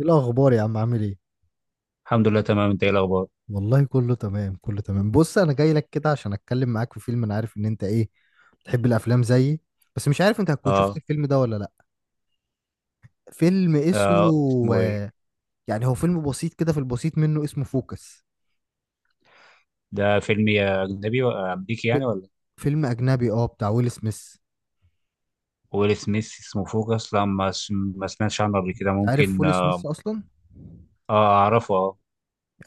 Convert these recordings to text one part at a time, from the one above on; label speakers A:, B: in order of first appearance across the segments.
A: ايه الاخبار يا عم؟ عامل ايه؟
B: الحمد لله، تمام. انت ايه الاخبار؟
A: والله كله تمام، كله تمام. بص انا جاي لك كده عشان اتكلم معاك في فيلم. انا عارف ان انت ايه، بتحب الافلام زيي، بس مش عارف انت هتكون شفت
B: اه,
A: الفيلم ده ولا لا. فيلم اسمه،
B: آه، اسمه ايه؟
A: يعني هو فيلم بسيط كده، في البسيط منه، اسمه فوكس.
B: ده فيلم يا اجنبي ولا امريكي يعني،
A: في-
B: ولا
A: فيلم اجنبي اه، بتاع ويل سميث.
B: ويل سميث؟ اسمه فوكس؟ لا، ما سمعتش عنه قبل كده.
A: عارف
B: ممكن
A: ويل سميث اصلا؟
B: آه اعرفه اه.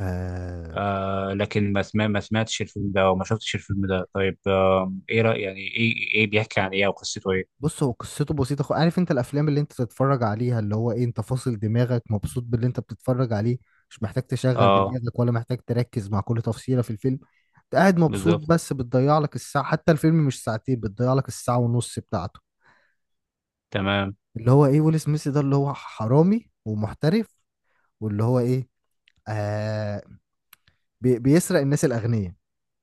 A: آه.
B: آه، لكن ما سمعتش الفيلم ده وما شفتش الفيلم ده. طيب آه، ايه رأي يعني، ايه ايه بيحكي عن ايه؟ او قصته ايه؟
A: بص هو قصته بسيطة، عارف انت الافلام اللي انت تتفرج عليها اللي هو ايه، انت فاصل دماغك، مبسوط باللي انت بتتفرج عليه، مش محتاج تشغل
B: اه،
A: دماغك، ولا محتاج تركز مع كل تفصيلة في الفيلم. انت قاعد مبسوط،
B: بالظبط.
A: بس بتضيع لك الساعة، حتى الفيلم مش ساعتين، بتضيع لك الساعة ونص بتاعته.
B: تمام.
A: اللي هو ايه، ويل سميث ده اللي هو حرامي ومحترف، واللي هو ايه، آه، بيسرق الناس الأغنياء.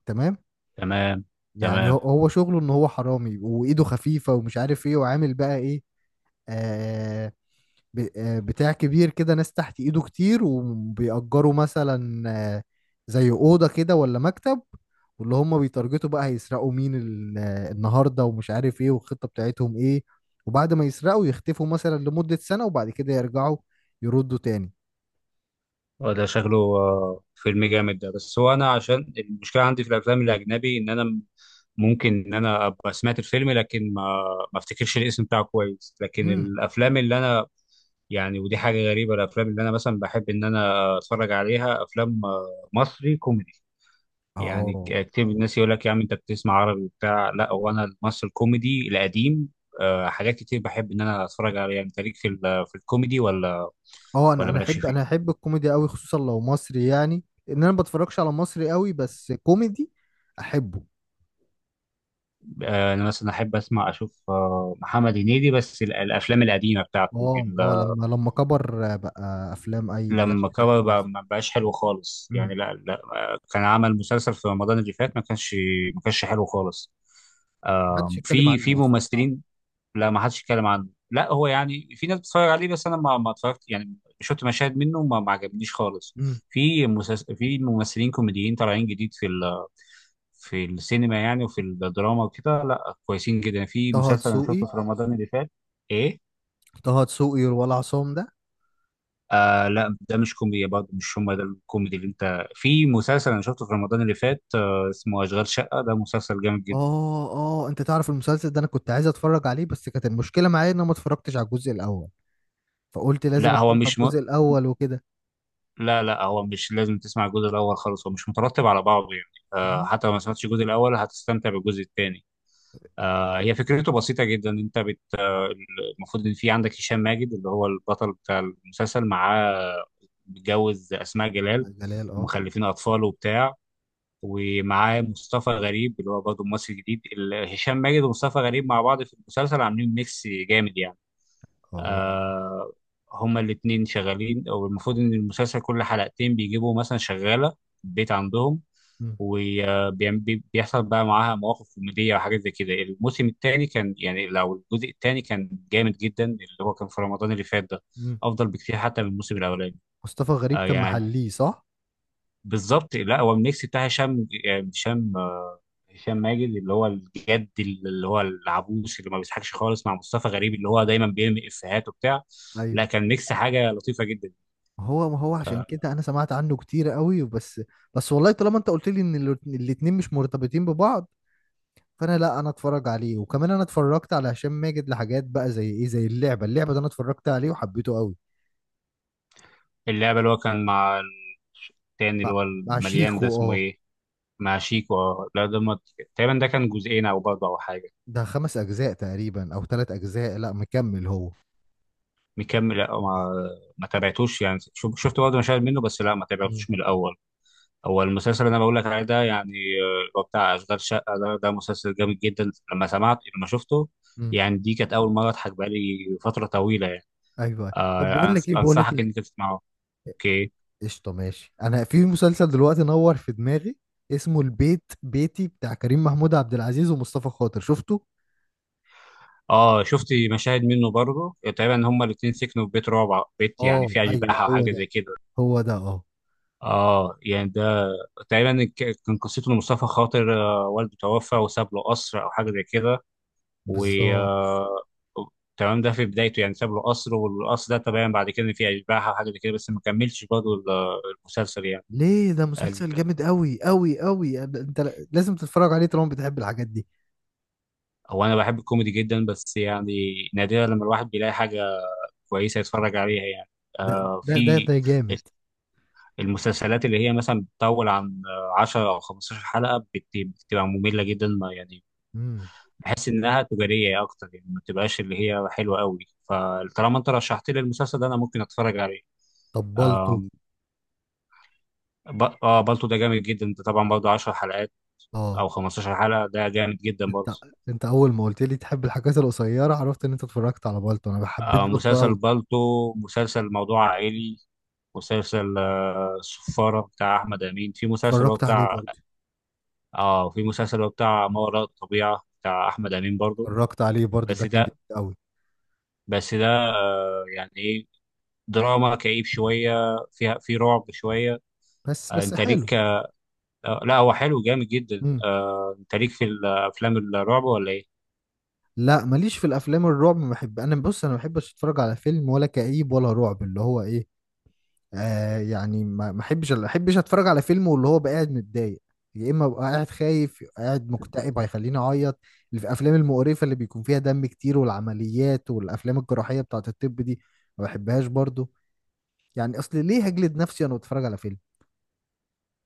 A: تمام.
B: تمام.
A: يعني هو
B: تمام.
A: هو شغله ان هو حرامي وايده خفيفة، ومش عارف ايه، وعامل بقى ايه، آه، بتاع كبير كده، ناس تحت ايده كتير، وبيأجروا مثلا، آه، زي أوضة كده ولا مكتب. واللي هم بيتارجتوا بقى هيسرقوا مين، النهاردة، ومش عارف ايه، والخطة بتاعتهم ايه. وبعد ما يسرقوا يختفوا مثلا لمدة سنة، وبعد كده يرجعوا، يردوا تاني.
B: آه، ده شكله فيلم جامد ده. بس هو انا عشان المشكله عندي في الافلام الاجنبي ان انا ممكن ان انا ابقى سمعت الفيلم، لكن ما افتكرش الاسم بتاعه كويس. لكن
A: امم
B: الافلام اللي انا يعني، ودي حاجه غريبه، الافلام اللي انا مثلا بحب ان انا اتفرج عليها افلام مصري كوميدي. يعني
A: اه،
B: كتير من الناس يقول لك يا عم انت بتسمع عربي وبتاع، لا، هو انا المصري الكوميدي القديم آه، حاجات كتير بحب ان انا اتفرج عليها. انت ليك في في الكوميدي
A: اه، انا
B: ولا
A: انا
B: مالكش
A: احب انا
B: فيه؟
A: احب الكوميدي قوي، خصوصا لو مصري. يعني ان انا ما بتفرجش على مصري قوي، بس كوميدي احبه.
B: انا مثلا احب اسمع اشوف محمد هنيدي، بس الافلام القديمه بتاعته.
A: اه اه، لما كبر، بقى افلام اي ملهاش
B: لما
A: أي
B: كبر
A: 30 لازمة.
B: بقى ما بقاش حلو خالص
A: امم
B: يعني. لا لا، كان عمل مسلسل في رمضان اللي فات، ما كانش حلو خالص. آه،
A: محدش يتكلم
B: في
A: عنه اصلا.
B: ممثلين. لا، ما حدش يتكلم عنه. لا، هو يعني في ناس بتتفرج عليه، بس انا ما اتفرجت. يعني شفت مشاهد منه، ما عجبنيش خالص.
A: امم
B: في ممثلين كوميديين طالعين جديد في في السينما يعني، وفي الدراما وكده. لا كويسين جدا. في
A: طه
B: مسلسل انا
A: دسوقي،
B: شفته في رمضان اللي فات. ايه؟
A: طه دسوقي ولا عصام ده؟
B: آه لا، ده مش كوميديا برضه، مش هم ده الكوميدي اللي انت. في مسلسل انا شفته في رمضان اللي فات آه، اسمه اشغال شقة. ده مسلسل جامد جدا.
A: اه اه، انت تعرف المسلسل ده؟ انا كنت عايز اتفرج عليه، بس كانت المشكله معايا ان انا ما اتفرجتش على الجزء الاول، فقلت لازم
B: لا هو
A: اتفرج على
B: مش م...
A: الجزء الاول وكده.
B: لا لا، هو مش لازم تسمع الجزء الاول خالص، هو مش مترتب على بعضه يعني. آه،
A: مم.
B: حتى لو ما سمعتش الجزء الاول هتستمتع بالجزء الثاني. آه، هي فكرته بسيطه جدا. انت بت آه، المفروض ان في عندك هشام ماجد اللي هو البطل بتاع المسلسل، معاه متجوز اسماء جلال،
A: جلال اه
B: ومخلفين اطفال وبتاع، ومعاه مصطفى غريب اللي هو برضه ممثل جديد. هشام ماجد ومصطفى غريب مع بعض في المسلسل عاملين ميكس جامد يعني.
A: اه.
B: آه، هما الاتنين شغالين، او المفروض ان المسلسل كل حلقتين بيجيبوا مثلا شغالة في البيت عندهم،
A: مم.
B: وبيحصل بقى معاها مواقف كوميدية وحاجات زي كده. الموسم الثاني كان يعني، لو الجزء الثاني كان جامد جدا، اللي هو كان في رمضان اللي فات ده،
A: مم.
B: أفضل بكتير حتى من الموسم الأولاني.
A: مصطفى غريب
B: آه
A: كان
B: يعني،
A: محليه صح؟
B: بالظبط. لا، هو الميكس بتاع هشام. يعني هشام ماجد اللي هو الجد اللي هو العبوس اللي ما بيضحكش خالص، مع مصطفى غريب اللي هو دايما بيرمي افيهات وبتاع.
A: ايوه.
B: لا، كان ميكس حاجه لطيفه جدا.
A: ما هو عشان
B: آه،
A: كده انا سمعت عنه كتير قوي، بس بس والله طالما انت قلت لي ان الاتنين مش مرتبطين ببعض، فانا لا، انا اتفرج عليه. وكمان انا اتفرجت على هشام ماجد لحاجات بقى زي ايه، زي اللعبه. اللعبه ده انا اتفرجت عليه وحبيته قوي.
B: اللعبه اللي هو كان مع التاني اللي
A: مع
B: هو
A: مع
B: المليان ده،
A: شيكو
B: اسمه
A: اه.
B: ايه؟ مع شيكو. لا ده ما- تقريبا ده كان جزئين او برضه او حاجه.
A: ده خمس اجزاء تقريبا او ثلاث اجزاء، لا مكمل هو.
B: مكمل؟ لا، ما تابعتوش يعني. شفت برضه مشاهد منه بس، لا ما
A: مم.
B: تابعتوش من الاول. هو المسلسل اللي انا بقول لك عليه ده يعني آه، هو بتاع اشغال شقه ده، ده مسلسل جامد جدا. لما سمعت، لما شفته
A: مم.
B: يعني، دي كانت اول مره اضحك بقالي فتره طويله يعني.
A: ايوه، طب
B: آه
A: بقول لك ايه بقول لك
B: انصحك
A: ايه
B: انك تسمعه. اوكي.
A: قشطه ماشي. انا في مسلسل دلوقتي نور في دماغي، اسمه البيت بيتي، بتاع كريم محمود عبد العزيز ومصطفى خاطر، شفته؟
B: اه شفت مشاهد منه برضه. تقريبا هما الاثنين سكنوا في بيت رعب، بيت يعني
A: اه
B: فيه
A: ايوه
B: اشباح او
A: هو
B: حاجه
A: ده،
B: زي كده.
A: هو ده اه.
B: اه يعني ده تقريبا كان قصته إن مصطفى خاطر آه، والده توفى وساب له قصر او حاجه زي كده. و
A: بالظبط.
B: آه، تمام. ده في بدايته يعني ساب له قصر، والقصر ده تمام، بعد كده إن في اشباح او حاجه زي كده، بس ما كملش برضه المسلسل يعني.
A: ليه، ده
B: ال-
A: مسلسل جامد قوي قوي قوي، انت ل- لازم تتفرج عليه طالما بتحب الحاجات دي.
B: هو انا بحب الكوميدي جدا، بس يعني نادرا لما الواحد بيلاقي حاجه كويسه يتفرج عليها يعني.
A: ده
B: آه،
A: ده ده
B: في
A: ده جامد.
B: المسلسلات اللي هي مثلا بتطول عن 10 او 15 حلقه، بتبقى ممله جدا ما يعني.
A: امم
B: بحس انها تجاريه اكتر يعني، ما بتبقاش اللي هي حلوه قوي. فطالما انت رشحت لي المسلسل ده، انا ممكن اتفرج عليه.
A: طبلته،
B: آه، ب... اه بالطو ده جامد جدا، ده طبعا برضه 10 حلقات
A: اه.
B: او 15 حلقة. ده جامد جدا
A: انت
B: برضه.
A: انت اول ما قلت لي تحب الحاجات القصيره، عرفت ان انت اتفرجت على بالتو. انا حبيت
B: آه،
A: بالتو
B: مسلسل
A: قوي.
B: بالطو، مسلسل موضوع عائلي. مسلسل آه السفارة بتاع أحمد أمين.
A: اتفرجت عليه برضه.
B: في مسلسل هو بتاع ما وراء الطبيعة بتاع أحمد أمين برضه.
A: اتفرجت عليه برضه، ده
B: بس
A: كان جامد
B: ده
A: قوي.
B: بس ده آه، يعني إيه، دراما كئيب شوية، فيها في رعب شوية.
A: بس
B: آه،
A: بس
B: أنت
A: حلو.
B: ليك. آه لا، هو حلو جامد جدا.
A: امم
B: آه، أنت ليك في الأفلام الرعب ولا إيه؟
A: لا ماليش في الافلام الرعب، ما بحب. انا بص انا ما بحبش اتفرج على فيلم ولا كئيب ولا رعب، اللي هو ايه، آه، يعني ما احبش اتفرج على فيلم واللي هو بقى قاعد متضايق، يا اما ابقى قاعد خايف، يبقى قاعد مكتئب هيخليني اعيط. اللي في الافلام المقرفه اللي بيكون فيها دم كتير والعمليات والافلام الجراحيه بتاعه الطب دي، ما بحبهاش برضو. يعني اصل ليه هجلد نفسي وانا بتفرج على فيلم؟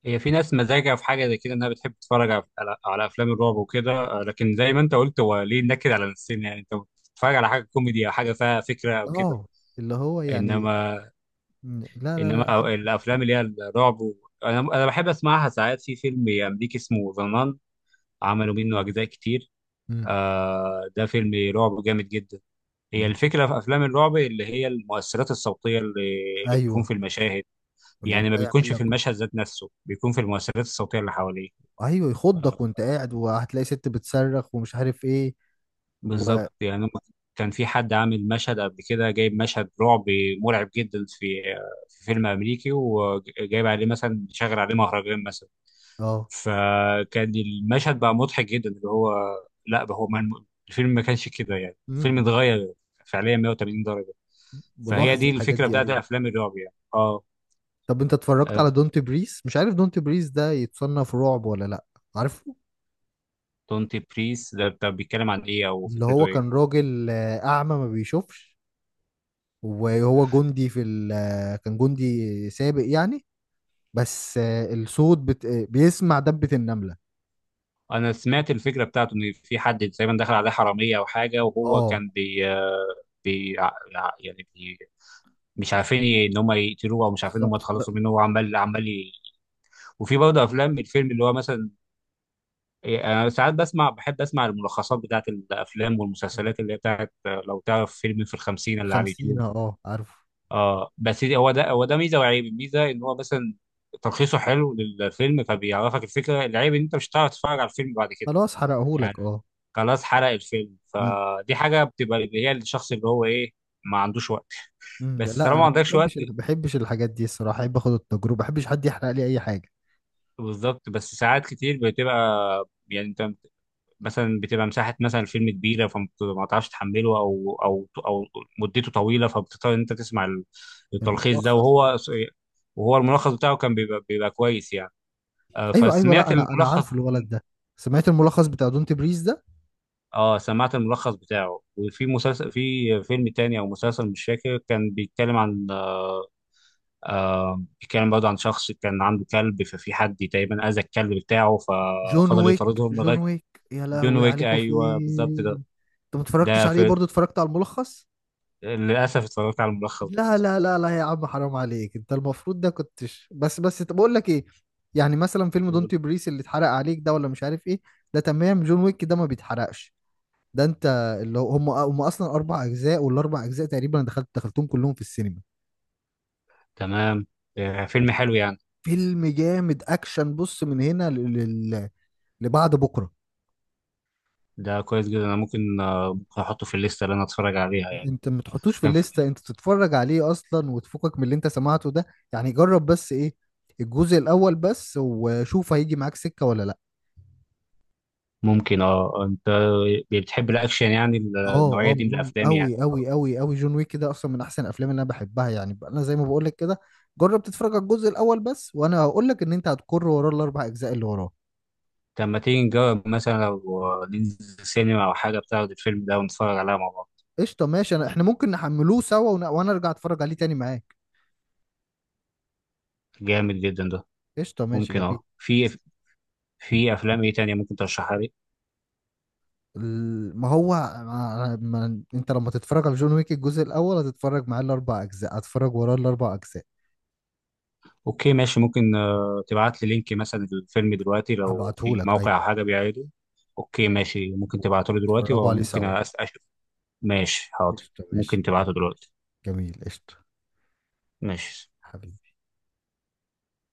B: هي في ناس مزاجها في حاجه زي كده انها بتحب تتفرج على افلام الرعب وكده. آه، لكن زي ما انت قلت، هو ليه نكد على نفسنا يعني؟ انت بتتفرج على حاجه كوميدي او حاجه فيها فكره او كده.
A: اه، اللي هو يعني،
B: انما
A: م- لا لا لا احب.
B: الافلام اللي هي الرعب و... انا بحب اسمعها ساعات. في فيلم امريكي اسمه ذا نان، عملوا منه اجزاء كتير.
A: مم.
B: آه، ده فيلم رعب جامد جدا. هي
A: مم.
B: الفكره في افلام الرعب اللي هي المؤثرات الصوتيه اللي
A: ايوه،
B: بتكون في المشاهد
A: ويقوم
B: يعني. ما
A: جاي يعمل
B: بيكونش في
A: لك،
B: المشهد ذات نفسه، بيكون في المؤثرات الصوتيه اللي حواليه.
A: ايوه،
B: آه،
A: يخضك وانت قاعد، وهتلاقي ست بتصرخ ومش عارف ايه، و
B: بالظبط يعني كان في حد عامل مشهد قبل كده، جايب مشهد رعب مرعب جدا في فيلم امريكي، وجايب عليه مثلا شغل عليه مهرجان مثلا.
A: اه.
B: فكان المشهد بقى مضحك جدا اللي هو. لا بقى، هو ما الفيلم ما كانش كده يعني، الفيلم
A: مم.
B: اتغير فعليا 180 درجة. فهي
A: بلاحظ
B: دي
A: الحاجات
B: الفكرة
A: دي،
B: بتاعت
A: ايوه.
B: افلام الرعب يعني اه.
A: طب انت اتفرجت على دونت بريس؟ مش عارف دونت بريس ده يتصنف رعب ولا لا. عارفه؟
B: دونتي بريس ده، طب بيتكلم عن ايه او
A: اللي
B: فكرته
A: هو كان
B: ايه؟
A: راجل اعمى، ما بيشوفش، وهو جندي في ال آه، كان جندي سابق يعني، بس الصوت بت... آه، بيسمع دبة النملة.
B: انا سمعت الفكره بتاعته ان في حد تقريبا دخل عليه حراميه او حاجه، وهو
A: اه
B: كان بي, آه، بي ع- ع- يعني بي مش عارفين ان هم يقتلوه او مش عارفين ان هم
A: بالظبط.
B: يتخلصوا منه. هو عمال عمال وفي برضه افلام. الفيلم اللي هو مثلا إيه، انا ساعات بسمع بحب اسمع الملخصات بتاعت الافلام والمسلسلات اللي هي بتاعت آه، لو تعرف فيلم في الخمسين اللي على
A: الخمسين
B: اليوتيوب.
A: اه، عارفه.
B: اه بس هو ده ميزه وعيب. الميزه ان هو مثلا تلخيصه حلو للفيلم، فبيعرفك الفكره. العيب ان انت مش هتعرف تتفرج على الفيلم بعد كده
A: خلاص حرقهولك
B: يعني.
A: اه.
B: خلاص، حرق الفيلم.
A: مم.
B: فدي حاجه بتبقى اللي هي الشخص اللي هو ايه، ما عندوش وقت. بس
A: لا
B: طالما
A: انا
B: ما
A: ما
B: عندكش وقت.
A: بحبش ما بحبش الحاجات دي الصراحة، احب اخد التجربة، ما بحبش حد يحرق لي اي حاجة.
B: بالظبط، بس ساعات كتير بتبقى يعني انت مثلا بتبقى مساحه مثلا الفيلم كبيره، فما تعرفش تحمله او مدته طويله، فبتضطر ان انت تسمع التلخيص ده.
A: الملخص
B: وهو الملخص بتاعه كان بيبقى كويس يعني. آه،
A: ايوه ايوه، لا
B: فسمعت
A: انا انا عارفه
B: الملخص.
A: الولد ده. سمعت الملخص بتاع دونت بريز ده.
B: اه، سمعت الملخص بتاعه. وفي مسلسل، في فيلم تاني او مسلسل مش فاكر، كان بيتكلم عن آه، بيتكلم برضه عن شخص كان عنده كلب، ففي حد تقريبا أذى الكلب بتاعه،
A: جون
B: ففضل
A: ويك،
B: يطاردهم
A: جون
B: لغاية.
A: ويك، يا
B: جون
A: لهوي
B: ويك،
A: عليكم
B: أيوه بالظبط ده.
A: فين! انت ما اتفرجتش
B: ده
A: عليه
B: في
A: برضو؟ اتفرجت على الملخص؟
B: للأسف اتفرجت على
A: لا
B: الملخص
A: لا لا لا يا عم، حرام عليك انت، المفروض ده كنتش. بس بس طب اقول لك ايه، يعني مثلا فيلم
B: برضه.
A: دونت بريس اللي اتحرق عليك ده ولا مش عارف ايه، ده تمام. جون ويك ده ما بيتحرقش. ده انت، اللي هو- هم اصلا اربع اجزاء، والاربع اجزاء تقريبا أنا دخلتهم كلهم في السينما.
B: تمام. آه، فيلم حلو يعني.
A: فيلم جامد اكشن، بص من هنا ل- لبعد بكره.
B: ده كويس جدا، أنا ممكن ممكن أحطه في الليستة اللي أنا أتفرج عليها يعني.
A: انت ما تحطوش في
B: كان في-
A: الليسته، انت تتفرج عليه اصلا وتفكك من اللي انت سمعته ده. يعني جرب بس، ايه، الجزء الاول بس، وشوف هيجي معاك سكه ولا لا.
B: ممكن. أه، أنت بتحب الأكشن يعني؟
A: اه
B: النوعية
A: اه،
B: دي من الأفلام يعني؟
A: اوي جون ويك ده اصلا من احسن الافلام اللي انا بحبها يعني. انا زي ما بقول لك كده، جرب تتفرج على الجزء الاول بس، وانا هقول لك ان انت هتكر وراه الاربع اجزاء اللي وراه.
B: طب ما تيجي نجرب مثلا لو ننزل سينما أو حاجة، بتاخد الفيلم ده ونتفرج عليها مع بعض.
A: قشطه ماشي. انا احنا ممكن نحملوه سوا، وانا ارجع اتفرج عليه تاني معاك.
B: جامد جدا ده.
A: قشطه ماشي
B: ممكن.
A: جميل.
B: اه، في افلام ايه تانية ممكن ترشحها لي؟
A: ما هو، ما انت لما تتفرج على جون ويك الجزء الاول، هتتفرج معاه الاربع اجزاء، هتتفرج وراه الاربع اجزاء.
B: اوكي ماشي. ممكن تبعت لي لينك مثلا الفيلم دلوقتي لو في
A: هبعتهولك
B: موقع او
A: ايوه.
B: حاجه بيعرضه. اوكي ماشي. ممكن تبعته لي دلوقتي
A: اتفرجوا عليه
B: وممكن
A: سوا.
B: اشوف. ماشي حاضر.
A: قشطة
B: ممكن
A: ماشي جميل.
B: تبعته دلوقتي.
A: جميل قشطة.
B: ماشي.
A: حبيبي.